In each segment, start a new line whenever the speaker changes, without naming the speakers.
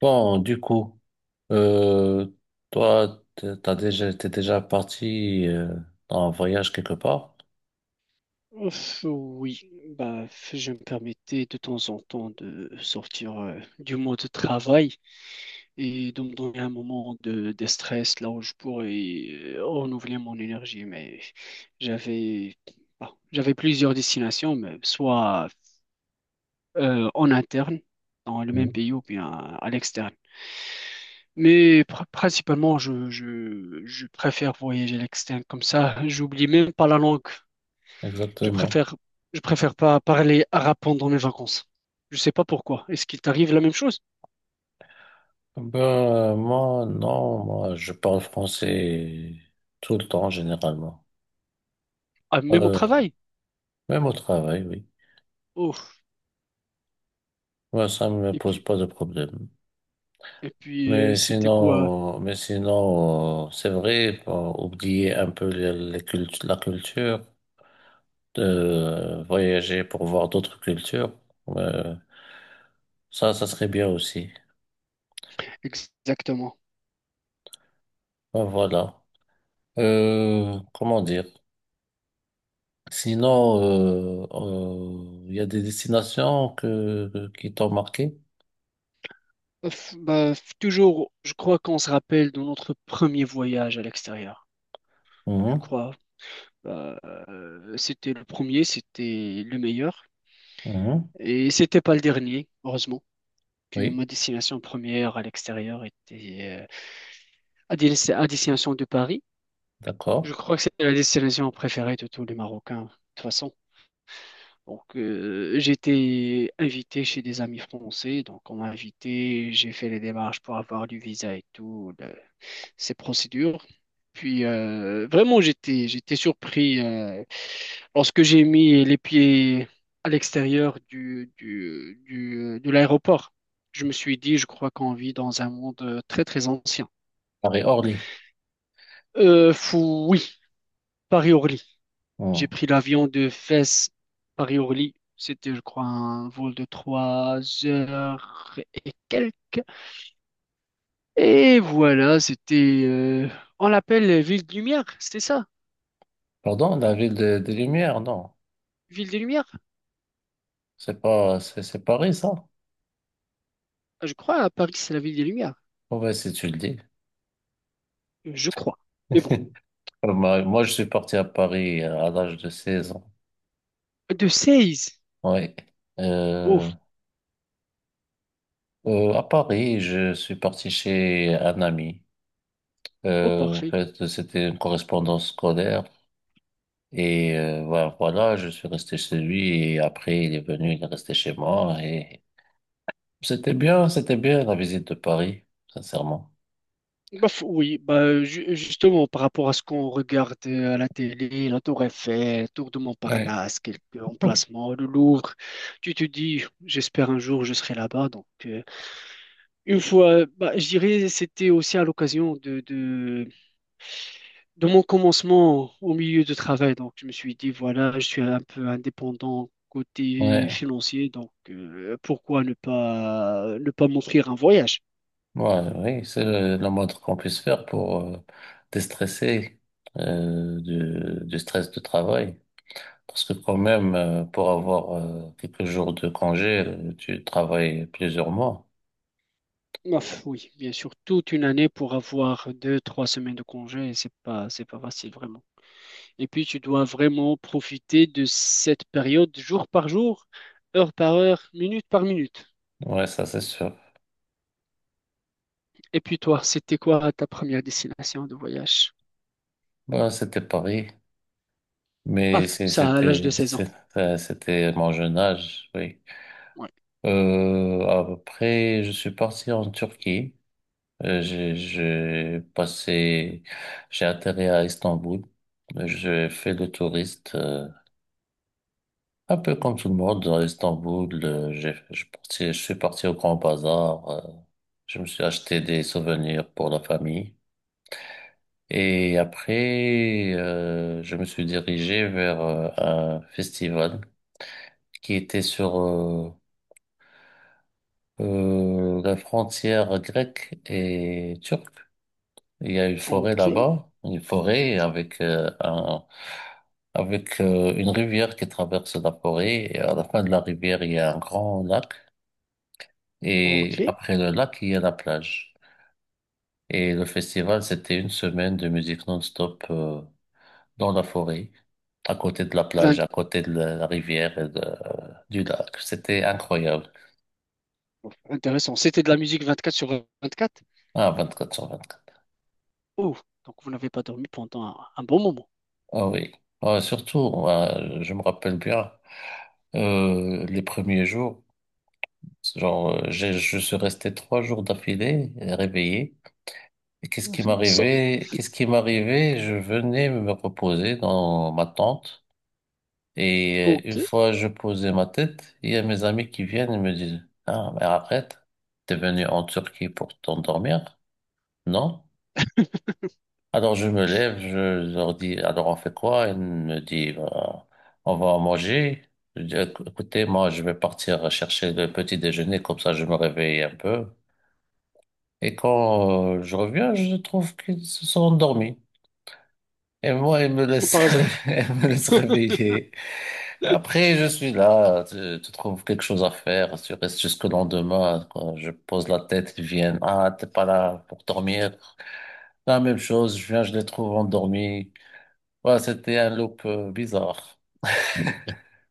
Bon, du coup, euh, toi, t'as déjà, t'es déjà parti dans voyage quelque part?
Ouf, oui, bah, je me permettais de temps en temps de sortir du mode travail et de me donner un moment de stress là où je pourrais renouveler mon énergie. Mais j'avais, bah, j'avais plusieurs destinations, mais soit en interne, dans le même
Mhm.
pays ou bien à l'externe. Mais principalement, je préfère voyager à l'externe comme ça. J'oublie même pas la langue. Je
Exactement.
préfère, je préfère pas parler arabe pendant mes vacances. Je sais pas pourquoi. Est-ce qu'il t'arrive la même chose?
Ben, moi, non, moi, je parle français tout le temps, généralement.
Ah, même au
Euh,
travail?
même au travail, oui.
Oh.
Moi, ça me
Et
pose
puis,
pas de problème.
et puis,
Mais
c'était quoi
sinon, mais sinon, c'est vrai, pour oublier un peu les la culture, de voyager pour voir d'autres cultures, euh, ça serait bien aussi.
exactement?
Ben, voilà. Comment dire? Sinon, il y a des destinations qui t'ont marqué?
Ouf, bah, toujours, je crois qu'on se rappelle de notre premier voyage à l'extérieur. Je
Mhm,
crois. Bah, c'était le premier, c'était le meilleur.
mhm,
Et c'était pas le dernier, heureusement, que
oui,
ma destination première à l'extérieur était à destination de Paris.
d'accord.
Je crois que c'est la destination préférée de tous les Marocains, de toute façon. Donc, j'étais invité chez des amis français, donc on m'a invité, j'ai fait les démarches pour avoir du visa et tout, ces procédures. Puis, vraiment, j'étais surpris lorsque j'ai mis les pieds à l'extérieur de l'aéroport. Je me suis dit, je crois qu'on vit dans un monde très, très ancien.
Paris-Orly.
Fou, oui, Paris-Orly. J'ai
Mmh.
pris l'avion de Fès, Paris-Orly. C'était, je crois, un vol de 3 heures et quelques. Et voilà, on l'appelle Ville de Lumière, c'était ça?
Pardon, la ville de Lumière, non.
Ville des Lumières?
C'est pas, c'est Paris, ça?
Ah, je crois, à Paris, c'est la Ville des Lumières.
Oh, ouais, si tu le dis.
Je crois. Mais bon,
Alors, moi, je suis parti à Paris à l'âge de 16 ans.
de 16.
Oui.
Oh,
Euh, à Paris, je suis parti chez un ami.
oh,
En
parfait.
fait, c'était une correspondance scolaire. Et voilà, je suis resté chez lui. Et après, il est venu, il est resté chez moi. Et c'était bien la visite de Paris, sincèrement.
Bah, oui, bah, justement, par rapport à ce qu'on regarde à la télé, la Tour Eiffel, Tour de
Ouais.
Montparnasse, quelques emplacements, le Louvre, tu te dis, j'espère un jour je serai là-bas. Donc, une fois, bah, je dirais, c'était aussi à l'occasion de mon commencement au milieu de travail. Donc, je me suis dit, voilà, je suis un peu indépendant côté
Ouais.
financier, donc pourquoi ne pas m'offrir un voyage?
Ouais, oui, c'est la moindre qu'on puisse faire pour déstresser euh, du stress de travail. Parce que quand même, pour avoir quelques jours de congé, tu travailles plusieurs mois.
Ouf, oui, bien sûr, toute une année pour avoir 2, 3 semaines de congé, et c'est pas facile vraiment. Et puis tu dois vraiment profiter de cette période jour par jour, heure par heure, minute par minute.
Ouais, ça c'est sûr.
Et puis toi, c'était quoi ta première destination de voyage?
Bah, c'était Paris,
Ah,
mais
ça à l'âge de 16 ans.
c'était mon jeune âge, oui.
Ouais.
Après, je suis parti en Turquie. J'ai passé, j'ai atterri à Istanbul. J'ai fait le touriste, un peu comme tout le monde à Istanbul. Je suis parti au Grand Bazar. Je me suis acheté des souvenirs pour la famille. Et après, je me suis dirigé vers un festival qui était sur la frontière grecque et turque. Il y a une forêt
Ok,
là-bas, une forêt avec une rivière qui traverse la forêt. Et à la fin de la rivière, il y a un grand lac. Et
ok.
après le lac, il y a la plage. Et le festival, c'était une semaine de musique non-stop dans la forêt, à côté de la plage,
20...
à côté de la rivière et du lac. C'était incroyable.
Intéressant. C'était de la musique 24 sur 24.
Ah, 24 sur quatre.
Oh, donc vous n'avez pas dormi pendant un bon moment.
Ah oui. Ah, surtout, je me rappelle bien les premiers jours. Genre, je suis resté trois jours d'affilée réveillé. Et qu'est-ce qui
Ça- ça-
m'arrivait? Qu'est-ce qui m'arrivait? Je venais me reposer dans ma tente. Et une
Ok.
fois je posais ma tête, il y a mes amis qui viennent et me disent, ah, mais arrête, t'es venu en Turquie pour t'endormir? Non? Alors je me lève, je leur dis, alors on fait quoi? Ils me disent, bah, on va manger. Je dis, écoutez, moi je vais partir chercher le petit déjeuner, comme ça je me réveille un peu. Et quand je reviens, je trouve qu'ils se sont endormis. Et moi, ils me laissent,
Par hasard.
ils me laissent réveiller. Après, je suis là, tu trouves quelque chose à faire, tu restes jusqu'au lendemain. Quand je pose la tête, ils viennent. Ah, t'es pas là pour dormir. La même chose, je viens, je les trouve endormis. Voilà, c'était un loop bizarre.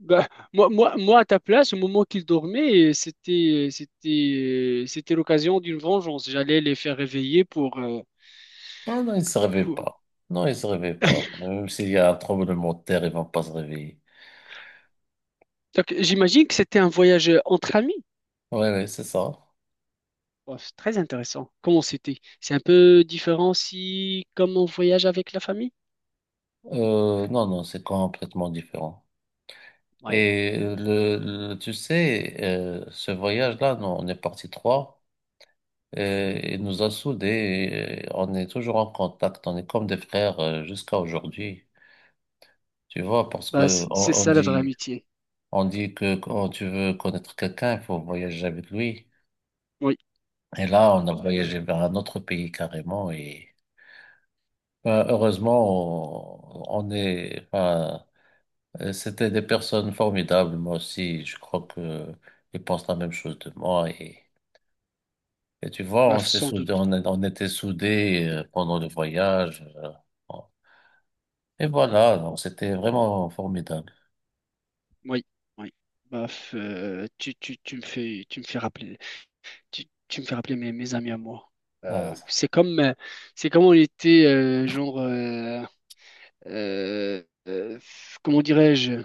Bah, moi, à ta place, au moment qu'ils dormaient, c'était l'occasion d'une vengeance. J'allais les faire réveiller
Ah non, ils se réveillent
pour...
pas. Non, ils se réveillent pas. Même s'il y a un tremblement de terre, ils vont pas se réveiller.
Donc, j'imagine que c'était un voyage entre amis.
Oui, oui, c'est ça.
Bon, c'est très intéressant. Comment c'était? C'est un peu différent si, comme on voyage avec la famille?
Non, non, c'est complètement différent.
Oui.
Et tu sais, ce voyage-là, nous, on est parti trois, et il nous a soudés, et on est toujours en contact, on est comme des frères jusqu'à aujourd'hui. Tu vois, parce
Bah,
que
c'est
on, on
ça la vraie
dit,
amitié.
on dit que quand tu veux connaître quelqu'un, il faut voyager avec lui.
Oui.
Et là, on a voyagé vers un autre pays carrément, et ben, heureusement, on est, enfin, c'était des personnes formidables. Moi aussi, je crois que ils pensent la même chose de moi. Et tu vois,
Bah,
on s'est
sans
soudés,
doute.
on était soudés pendant le voyage. On- Et voilà, donc c'était vraiment formidable.
Oui. Oui. Bah, tu me fais rappeler. Tu me fais rappeler mes amis à moi. Euh,
Ah,
c'est comme, euh, c'est comme on était, genre, euh, euh, comment dirais-je,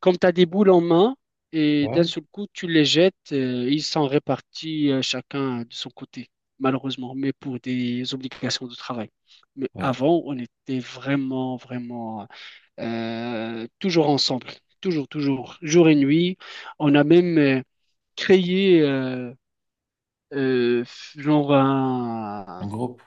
comme tu as des boules en main et d'un
ouais,
seul coup, tu les jettes, ils sont répartis chacun de son côté, malheureusement, mais pour des obligations de travail. Mais
ouais.
avant, on était vraiment, vraiment toujours ensemble, toujours, toujours, jour et nuit. On a même créé, euh, genre
Un groupe,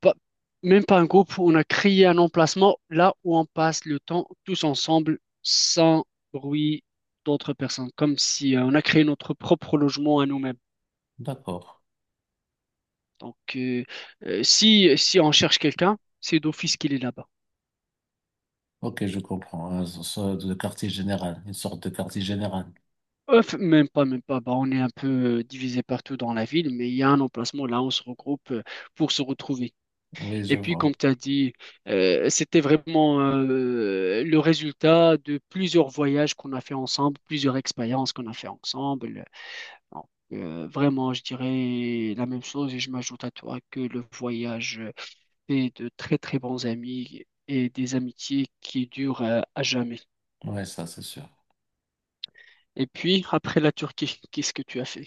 pas- même pas un groupe, on a créé un emplacement là où on passe le temps tous ensemble sans bruit d'autres personnes, comme si on a créé notre propre logement à nous-mêmes.
d'accord.
Donc si on cherche quelqu'un, c'est d'office qu'il est là-bas.
Ok, je comprends. Hein, le quartier général, une sorte de quartier général.
Même pas, même pas. Bah, on est un peu divisé partout dans la ville, mais il y a un emplacement là où on se regroupe pour se retrouver.
Oui, je
Et puis,
vois.
comme tu as dit, c'était vraiment le résultat de plusieurs voyages qu'on a fait ensemble, plusieurs expériences qu'on a fait ensemble. Donc, vraiment, je dirais la même chose et je m'ajoute à toi que le voyage fait de très, très bons amis et des amitiés qui durent à jamais.
Oui, ça, c'est sûr.
Et puis, après la Turquie, qu'est-ce que tu as fait?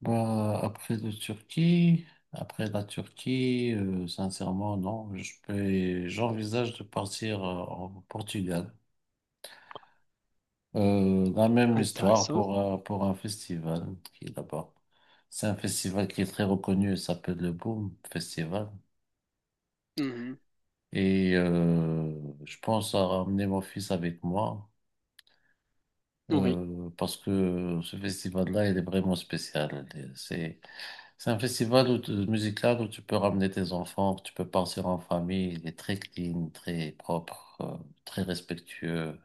Bah, après la Turquie, sincèrement, non. Je peux, j'envisage de partir en Portugal. La même histoire
Intéressant.
pour pour un festival qui est là-bas. C'est un festival qui est très reconnu, il s'appelle le Boom Festival.
Mhm.
Et je pense à ramener mon fils avec moi
Oui,
parce que ce festival-là, il est vraiment spécial. C'est un festival où musical où tu peux ramener tes enfants, tu peux partir en famille. Il est très clean, très propre, très respectueux.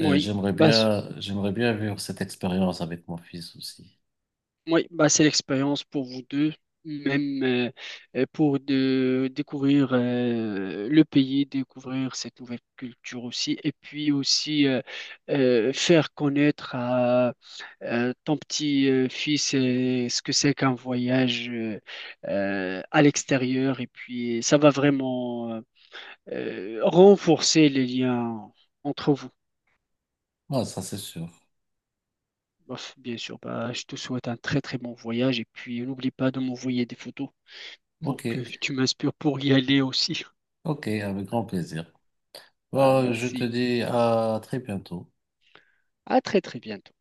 Et
Bah,
j'aimerais bien vivre cette expérience avec mon fils aussi.
oui, bah, c'est l'expérience pour vous deux, même pour de découvrir le pays, découvrir cette nouvelle culture aussi, et puis aussi faire connaître à ton petit fils ce que c'est qu'un voyage à l'extérieur, et puis ça va vraiment renforcer les liens entre vous.
Ah, ça c'est sûr.
Bof, bien sûr, bah, je te souhaite un très très bon voyage et puis n'oublie pas de m'envoyer des photos,
Ok,
pour que tu m'inspires pour y aller aussi.
ok, avec grand plaisir.
Bah,
Bah, je te
merci.
dis à très bientôt.
À très très bientôt.